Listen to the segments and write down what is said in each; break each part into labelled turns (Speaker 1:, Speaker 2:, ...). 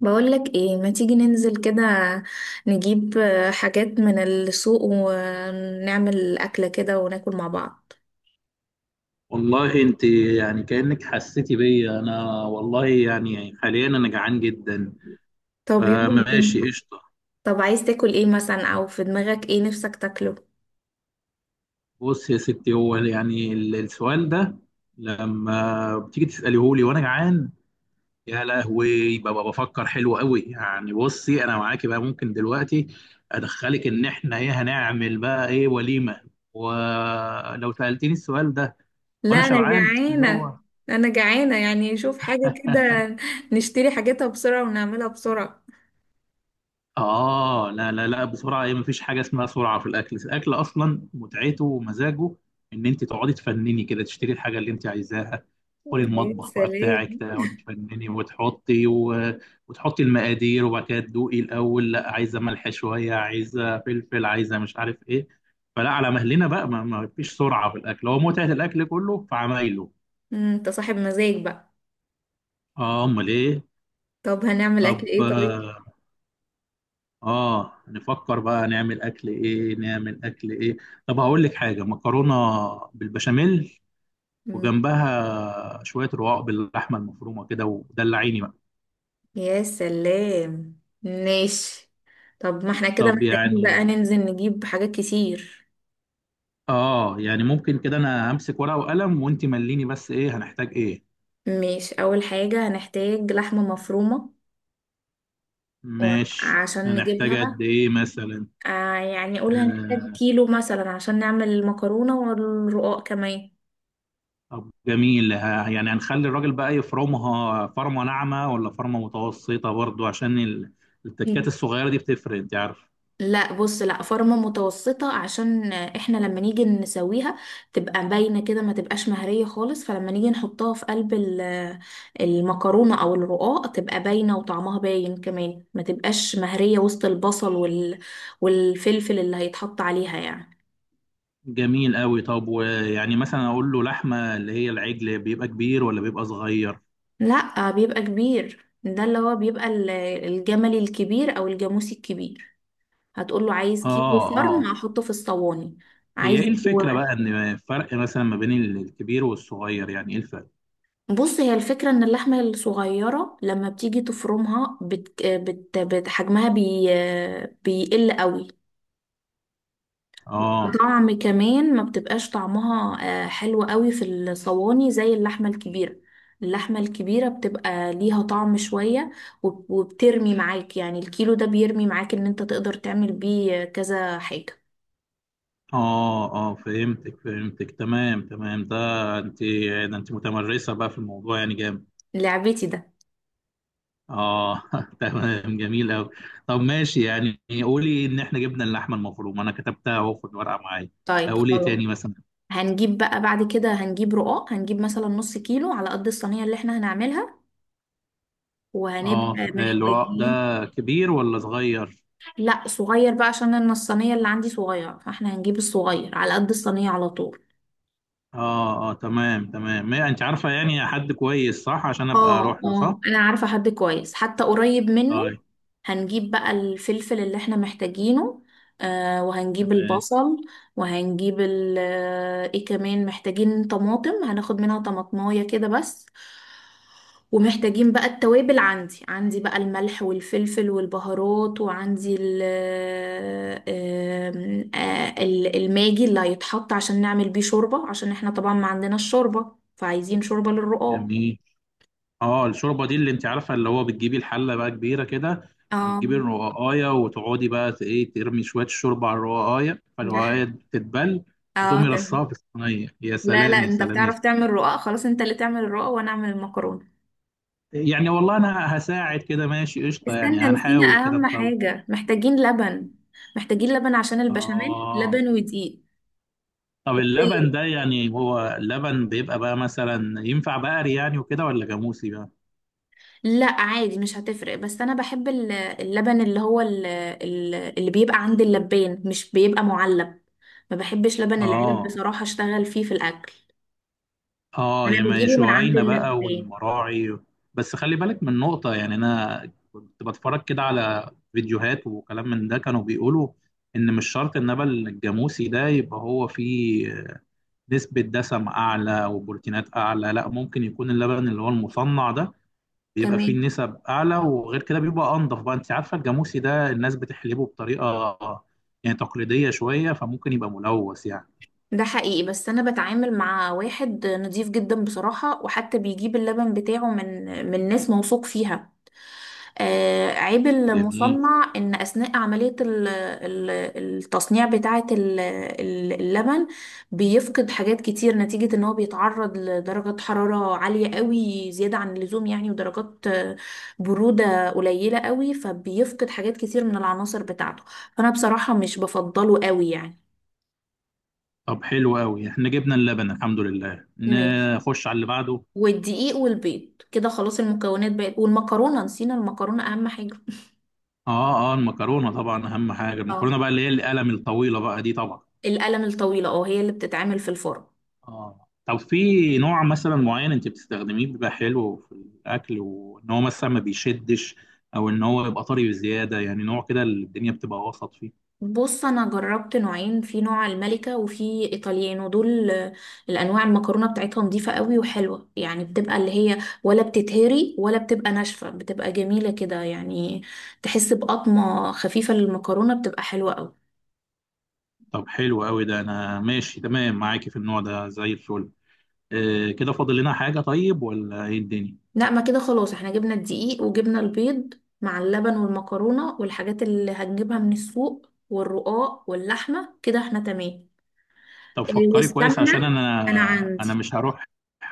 Speaker 1: بقولك ايه ما تيجي ننزل كده نجيب حاجات من السوق ونعمل أكلة كده وناكل مع بعض.
Speaker 2: والله انت يعني كأنك حسيتي بيا. انا والله يعني حاليا انا جعان جدا،
Speaker 1: طب يلا بينا.
Speaker 2: فماشي قشطة.
Speaker 1: طب عايز تاكل ايه مثلا او في دماغك ايه نفسك تاكله؟
Speaker 2: بص يا ستي، هو يعني السؤال ده لما بتيجي تسأليه لي وانا جعان، يا لهوي ببقى بفكر حلو قوي. يعني بصي، انا معاكي بقى، ممكن دلوقتي ادخلك ان احنا ايه هنعمل بقى، ايه، وليمة. ولو سألتني السؤال ده
Speaker 1: لا
Speaker 2: وانا
Speaker 1: انا
Speaker 2: شبعان اللي
Speaker 1: جعانة.
Speaker 2: هو
Speaker 1: انا جعانة يعني شوف حاجة كده، نشتري حاجتها بسرعة ونعملها بسرعة.
Speaker 2: آه لا لا لا، بسرعة إيه؟ مفيش حاجة اسمها سرعة في الأكل، الأكل أصلا متعته ومزاجه إن أنت تقعدي تفنني كده، تشتري الحاجة اللي أنت عايزاها، تدخلي
Speaker 1: يا
Speaker 2: المطبخ بقى
Speaker 1: سلام.
Speaker 2: بتاعك، تقعدي تفنني وتحطي المقادير، وبعد كده تدوقي الأول، لا عايزة ملح شوية، عايزة فلفل، عايزة مش عارف إيه، فلا، على مهلنا بقى، ما فيش سرعة في الأكل، هو متعة الأكل كله في عمايله.
Speaker 1: مم، انت صاحب مزاج بقى.
Speaker 2: آه أمال إيه؟
Speaker 1: طب هنعمل اكل
Speaker 2: طب،
Speaker 1: ايه؟
Speaker 2: اه نفكر بقى نعمل اكل ايه، نعمل اكل ايه. طب هقول لك حاجه، مكرونه بالبشاميل،
Speaker 1: طيب.
Speaker 2: وجنبها شويه رقاق باللحمه المفرومه كده، ودلعيني بقى.
Speaker 1: يا سلام ماشي. طب ما احنا كده
Speaker 2: طب
Speaker 1: محتاجين بقى
Speaker 2: يعني،
Speaker 1: ننزل نجيب حاجات كتير.
Speaker 2: اه يعني ممكن كده، انا همسك ورقه وقلم وانت مليني بس ايه، هنحتاج ايه.
Speaker 1: ماشي، اول حاجة هنحتاج لحمة مفرومة
Speaker 2: ماشي،
Speaker 1: وعشان
Speaker 2: هنحتاج قد
Speaker 1: نجيبها
Speaker 2: ايه مثلا.
Speaker 1: يعني قول هنحتاج
Speaker 2: آه.
Speaker 1: كيلو مثلا عشان نعمل المكرونة والرقاق كمان.
Speaker 2: طب جميل، يعني هنخلي الراجل بقى يفرمها فرمه ناعمه ولا فرمه متوسطه، برضو عشان التكات الصغيره دي بتفرق انت عارف.
Speaker 1: لا بص، لا فورمة متوسطة عشان احنا لما نيجي نسويها تبقى باينة كده، ما تبقاش مهرية خالص، فلما نيجي نحطها في قلب المكرونة او الرقاق تبقى باينة وطعمها باين كمان، ما تبقاش مهرية وسط البصل والفلفل اللي هيتحط عليها يعني.
Speaker 2: جميل قوي. طب ويعني مثلا اقول له لحمه اللي هي العجل بيبقى كبير ولا بيبقى صغير.
Speaker 1: لا بيبقى كبير، ده اللي هو بيبقى الجملي الكبير او الجاموسي الكبير. هتقول له عايز كيلو
Speaker 2: اه
Speaker 1: فرن
Speaker 2: اه.
Speaker 1: احطه في الصواني.
Speaker 2: هي ايه
Speaker 1: عايز،
Speaker 2: الفكره بقى ان فرق مثلا ما بين الكبير والصغير، يعني ايه الفرق.
Speaker 1: بص هي الفكرة ان اللحمة الصغيرة لما بتيجي تفرمها حجمها بيقل قوي،
Speaker 2: اه
Speaker 1: وطعم كمان ما بتبقاش طعمها حلو قوي في الصواني زي اللحمة الكبيرة. اللحمة الكبيرة بتبقى ليها طعم شوية وبترمي معاك، يعني الكيلو ده بيرمي معاك ان انت تقدر تعمل بيه كذا حاجة.
Speaker 2: اه اه، فهمتك فهمتك، تمام تمام. ده انت، ده انت متمرسه بقى في الموضوع، يعني جامد.
Speaker 1: لعبتي ده.
Speaker 2: اه تمام، جميل قوي. طب ماشي، يعني قولي ان احنا جبنا اللحمه المفرومه، انا كتبتها اهو في الورقه معايا.
Speaker 1: طيب
Speaker 2: اقول ايه
Speaker 1: خلاص.
Speaker 2: تاني مثلا.
Speaker 1: هنجيب بقى بعد كده، هنجيب رقاق، هنجيب مثلا نص كيلو على قد الصينية اللي احنا هنعملها
Speaker 2: اه،
Speaker 1: وهنبقى
Speaker 2: الرق ده
Speaker 1: محتاجين.
Speaker 2: كبير ولا صغير.
Speaker 1: لا صغير بقى عشان أنا الصينية اللي عندي صغيرة، فاحنا هنجيب الصغير على قد الصينية على طول.
Speaker 2: اه اه تمام تمام، ما انت عارفه يعني حد كويس، صح، عشان ابقى
Speaker 1: اه
Speaker 2: اروح له، صح.
Speaker 1: اه انا عارفة حد كويس حتى قريب منه.
Speaker 2: طيب.
Speaker 1: هنجيب بقى الفلفل اللي احنا محتاجينه، آه وهنجيب
Speaker 2: تمام.
Speaker 1: البصل، وهنجيب ال آه، ايه، كمان محتاجين طماطم، هناخد منها طماطماية كده بس، ومحتاجين بقى التوابل، عندي بقى الملح والفلفل والبهارات وعندي ال آه، آم، آه، ال- الماجي اللي هيتحط عشان نعمل بيه شوربة، عشان احنا طبعا ما عندناش شوربة فعايزين شوربة للرقاق.
Speaker 2: جميل. اه، الشوربه دي اللي انت عارفه اللي هو بتجيبي الحله بقى كبيره كده،
Speaker 1: اه.
Speaker 2: وتجيبي الرقاقايه وتقعدي بقى ايه ترمي شويه الشوربه على الرقاقايه،
Speaker 1: ده حق.
Speaker 2: فالرقاقايه تتبل،
Speaker 1: اه
Speaker 2: وتقومي رصاها
Speaker 1: تمام.
Speaker 2: في الصينيه، يا
Speaker 1: لا لا
Speaker 2: سلام يا
Speaker 1: انت
Speaker 2: سلام يا سلام.
Speaker 1: بتعرف تعمل رقاق، خلاص انت اللي تعمل الرقاق وانا اعمل المكرونه.
Speaker 2: يعني والله انا هساعد كده، ماشي قشطه، يعني
Speaker 1: استنى، نسينا
Speaker 2: هنحاول كده
Speaker 1: اهم
Speaker 2: نطلع.
Speaker 1: حاجه، محتاجين لبن. محتاجين لبن عشان البشاميل،
Speaker 2: اه.
Speaker 1: لبن ودقيق
Speaker 2: طب
Speaker 1: وبيض.
Speaker 2: اللبن ده يعني، هو اللبن بيبقى بقى مثلا ينفع بقري يعني وكده ولا جاموسي بقى.
Speaker 1: لا عادي مش هتفرق، بس انا بحب اللبن اللي هو اللي بيبقى عند اللبان مش بيبقى معلب. ما بحبش لبن العلب
Speaker 2: اه
Speaker 1: بصراحه، اشتغل فيه في الاكل.
Speaker 2: اه،
Speaker 1: انا
Speaker 2: يعني
Speaker 1: بجيبه من عند
Speaker 2: شعينة بقى
Speaker 1: اللبان.
Speaker 2: والمراعي. بس خلي بالك من نقطة، يعني أنا كنت بتفرج كده على فيديوهات وكلام من ده، كانوا بيقولوا إن مش شرط النبل الجاموسي ده يبقى هو فيه نسبة دسم أعلى وبروتينات أعلى، لا، ممكن يكون اللبن اللي هو المصنع ده بيبقى فيه
Speaker 1: تمام.
Speaker 2: نسب أعلى. وغير كده بيبقى أنضف بقى، أنت عارفة الجاموسي ده الناس بتحلبه بطريقة يعني تقليدية شوية، فممكن يبقى ملوث يعني.
Speaker 1: ده حقيقي بس انا بتعامل مع واحد نضيف جدا بصراحة، وحتى بيجيب اللبن بتاعه من ناس موثوق فيها. آه، عيب
Speaker 2: جميل.
Speaker 1: المصنع ان اثناء عملية التصنيع بتاعة اللبن بيفقد حاجات كتير نتيجة ان هو بيتعرض لدرجة حرارة عالية قوي زيادة عن اللزوم يعني، ودرجات برودة قليلة قوي، فبيفقد حاجات كتير من العناصر بتاعته، فانا بصراحة مش بفضله قوي يعني.
Speaker 2: طب حلو قوي، احنا جبنا اللبن الحمد لله،
Speaker 1: ماشي.
Speaker 2: نخش على اللي بعده.
Speaker 1: والدقيق والبيض كده خلاص المكونات بقت، والمكرونة، نسينا المكرونة أهم حاجة.
Speaker 2: اه اه، المكرونه طبعا اهم حاجه،
Speaker 1: اه
Speaker 2: المكرونه بقى اللي هي القلم الطويله بقى دي طبعا.
Speaker 1: القلم الطويلة، اه هي اللي بتتعمل في الفرن.
Speaker 2: اه. طب في نوع مثلا معين انت بتستخدميه بيبقى حلو في الاكل، وان هو مثلا ما بيشدش او ان هو يبقى طري بزياده، يعني نوع كده اللي الدنيا بتبقى وسط فيه.
Speaker 1: بص أنا جربت نوعين، في نوع الملكة وفي إيطاليانو، دول الأنواع المكرونة بتاعتها نظيفة قوي وحلوة يعني، بتبقى اللي هي ولا بتتهري ولا بتبقى ناشفة، بتبقى جميلة كده يعني، تحس بقطمة خفيفة للمكرونة، بتبقى حلوة قوي.
Speaker 2: طب حلو قوي، ده انا ماشي تمام معاكي في النوع ده زي الفل. آه كده فاضل لنا حاجه طيب ولا ايه الدنيا.
Speaker 1: لا ما كده خلاص، احنا جبنا الدقيق وجبنا البيض مع اللبن والمكرونة والحاجات اللي هنجيبها من السوق والرقاق واللحمة، كده احنا تمام.
Speaker 2: طب فكري كويس عشان
Speaker 1: والسمنة
Speaker 2: انا
Speaker 1: انا
Speaker 2: انا
Speaker 1: عندي.
Speaker 2: مش هروح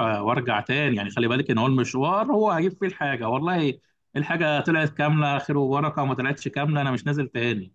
Speaker 2: وارجع تاني، يعني خلي بالك ان هو المشوار، هو هجيب فيه الحاجه، والله الحاجه طلعت كامله خير وبركه، وما طلعتش كامله انا مش نازل تاني.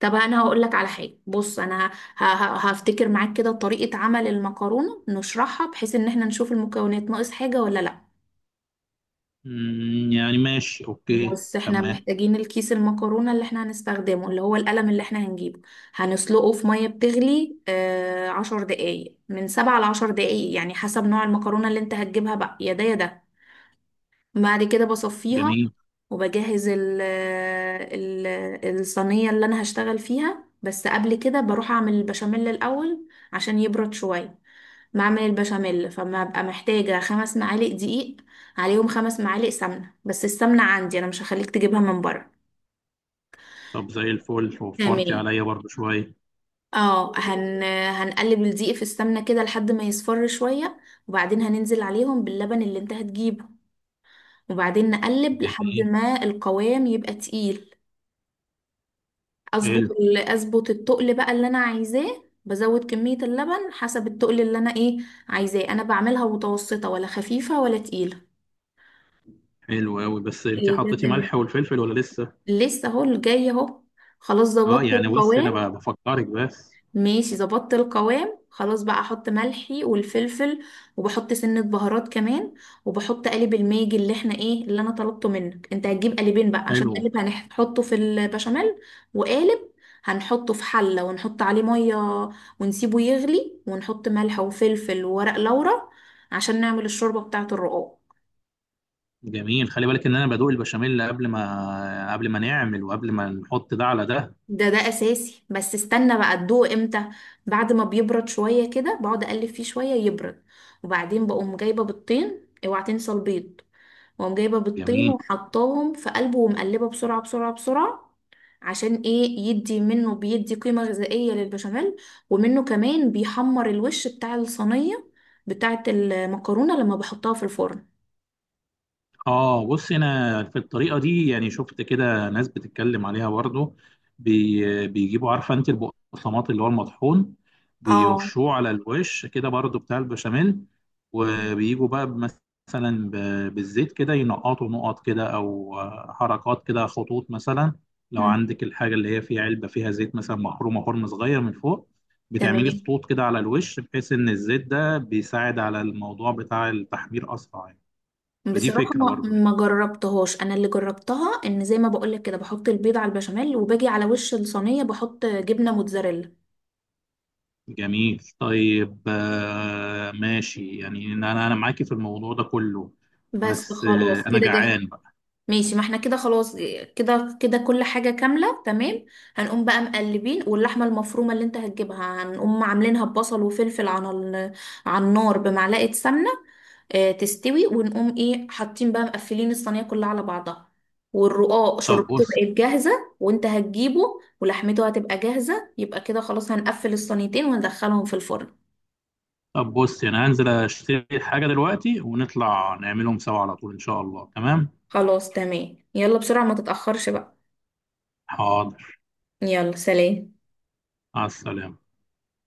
Speaker 1: طب انا هقول لك على حاجة، بص انا هفتكر معاك كده طريقة عمل المكرونة نشرحها بحيث ان احنا نشوف المكونات ناقص حاجة ولا لا.
Speaker 2: يعني ماشي اوكي
Speaker 1: بص احنا
Speaker 2: تمام.
Speaker 1: محتاجين الكيس المكرونة اللي احنا هنستخدمه اللي هو القلم اللي احنا هنجيبه، هنسلقه في مية بتغلي 10 دقايق، من 7 لـ 10 دقايق يعني حسب نوع المكرونة اللي انت هتجيبها بقى، يا ده يا ده. بعد كده بصفيها
Speaker 2: جميل.
Speaker 1: وبجهز ال ال الصينية اللي انا هشتغل فيها، بس قبل كده بروح اعمل البشاميل الاول عشان يبرد شوية. بعمل البشاميل فما ببقى محتاجة 5 معالق دقيق، عليهم 5 معالق سمنة، بس السمنة عندي أنا مش هخليك تجيبها من بره.
Speaker 2: طب زي الفل، وفرتي
Speaker 1: تمام.
Speaker 2: عليا برضو شويه.
Speaker 1: اه هن... هنقلب الدقيق في السمنة كده لحد ما يصفر شوية، وبعدين هننزل عليهم باللبن اللي انت هتجيبه، وبعدين نقلب لحد
Speaker 2: جميل.
Speaker 1: ما القوام يبقى تقيل.
Speaker 2: حلو.
Speaker 1: اظبط التقل بقى اللي انا عايزاه، بزود كمية اللبن حسب التقل اللي انا ايه عايزاه، انا بعملها متوسطة ولا خفيفة ولا تقيلة.
Speaker 2: حلو قوي، بس انت
Speaker 1: اوكي ده
Speaker 2: حطيتي ملح
Speaker 1: تمام.
Speaker 2: والفلفل ولا لسه.
Speaker 1: لسه اهو الجاي اهو. خلاص
Speaker 2: اه
Speaker 1: ظبطت
Speaker 2: يعني بص
Speaker 1: القوام.
Speaker 2: انا بفكرك بس.
Speaker 1: ماشي ظبطت القوام خلاص، بقى احط ملحي والفلفل، وبحط سنة بهارات كمان، وبحط قالب الماجي اللي احنا ايه اللي انا طلبته منك، انت هتجيب قالبين بقى، عشان
Speaker 2: حلو.
Speaker 1: قالب هنحطه في البشاميل، وقالب هنحطه في حلة ونحط عليه مية ونسيبه يغلي، ونحط ملح وفلفل وورق لورا عشان نعمل الشوربة بتاعة الرقاق.
Speaker 2: جميل، خلي بالك ان انا بدوق البشاميل قبل ما نعمل، وقبل ما نحط ده على ده.
Speaker 1: ده اساسي، بس استنى بقى ادوقه امتى. بعد ما بيبرد شويه كده بقعد اقلب فيه شويه يبرد، وبعدين بقوم جايبه بيضتين، اوعى تنسى البيض، واقوم جايبه بيضتين
Speaker 2: جميل.
Speaker 1: وحطاهم في قلبه ومقلبه بسرعه بسرعه بسرعه، عشان ايه؟ يدي منه بيدي قيمه غذائيه للبشاميل، ومنه كمان بيحمر الوش بتاع الصينيه بتاعه المكرونه لما بحطها في الفرن.
Speaker 2: اه بص، انا في الطريقه دي يعني شفت كده ناس بتتكلم عليها برضه، بيجيبوا، عارفه انت، البقسماط اللي هو المطحون،
Speaker 1: اه.
Speaker 2: بيرشوه على الوش كده برضه بتاع البشاميل، وبيجوا بقى مثلا بالزيت كده، ينقطوا نقط كده او حركات كده، خطوط مثلا. لو
Speaker 1: مم.
Speaker 2: عندك الحاجه اللي هي فيها علبه فيها زيت مثلا، محرومه حرم صغير من فوق، بتعملي
Speaker 1: تمام.
Speaker 2: خطوط كده على الوش، بحيث ان الزيت ده بيساعد على الموضوع بتاع التحمير اسرع يعني. فدي
Speaker 1: بصراحة
Speaker 2: فكرة
Speaker 1: ما
Speaker 2: برضو يعني.
Speaker 1: ما جربتهاش انا اللي جربتها ان زي ما بقولك كده بحط البيض على البشاميل، وباجي على وش الصينية بحط جبنة موتزاريلا.
Speaker 2: جميل. طيب آه ماشي، يعني انا، انا معاكي في الموضوع ده كله،
Speaker 1: بس
Speaker 2: بس آه
Speaker 1: خلاص
Speaker 2: انا
Speaker 1: كده جاهز.
Speaker 2: جعان بقى.
Speaker 1: ماشي ما احنا كده خلاص، كده كده كل حاجة كاملة تمام. هنقوم بقى مقلبين، واللحمة المفرومة اللي انت هتجيبها هنقوم عاملينها ببصل وفلفل على على النار بمعلقة سمنة، اه تستوي، ونقوم ايه حاطين بقى مقفلين الصينية كلها على بعضها، والرقاق
Speaker 2: طب
Speaker 1: شربته
Speaker 2: بص.
Speaker 1: بقت جاهزة وانت هتجيبه ولحمته هتبقى جاهزة، يبقى كده خلاص هنقفل الصينيتين وندخلهم في الفرن.
Speaker 2: طب بص، يعني هنزل اشتري حاجة دلوقتي، ونطلع نعملهم سوا على طول ان شاء الله. تمام.
Speaker 1: خلاص تمام، يلا بسرعة ما تتأخرش بقى.
Speaker 2: حاضر.
Speaker 1: يلا سلام.
Speaker 2: مع السلامة.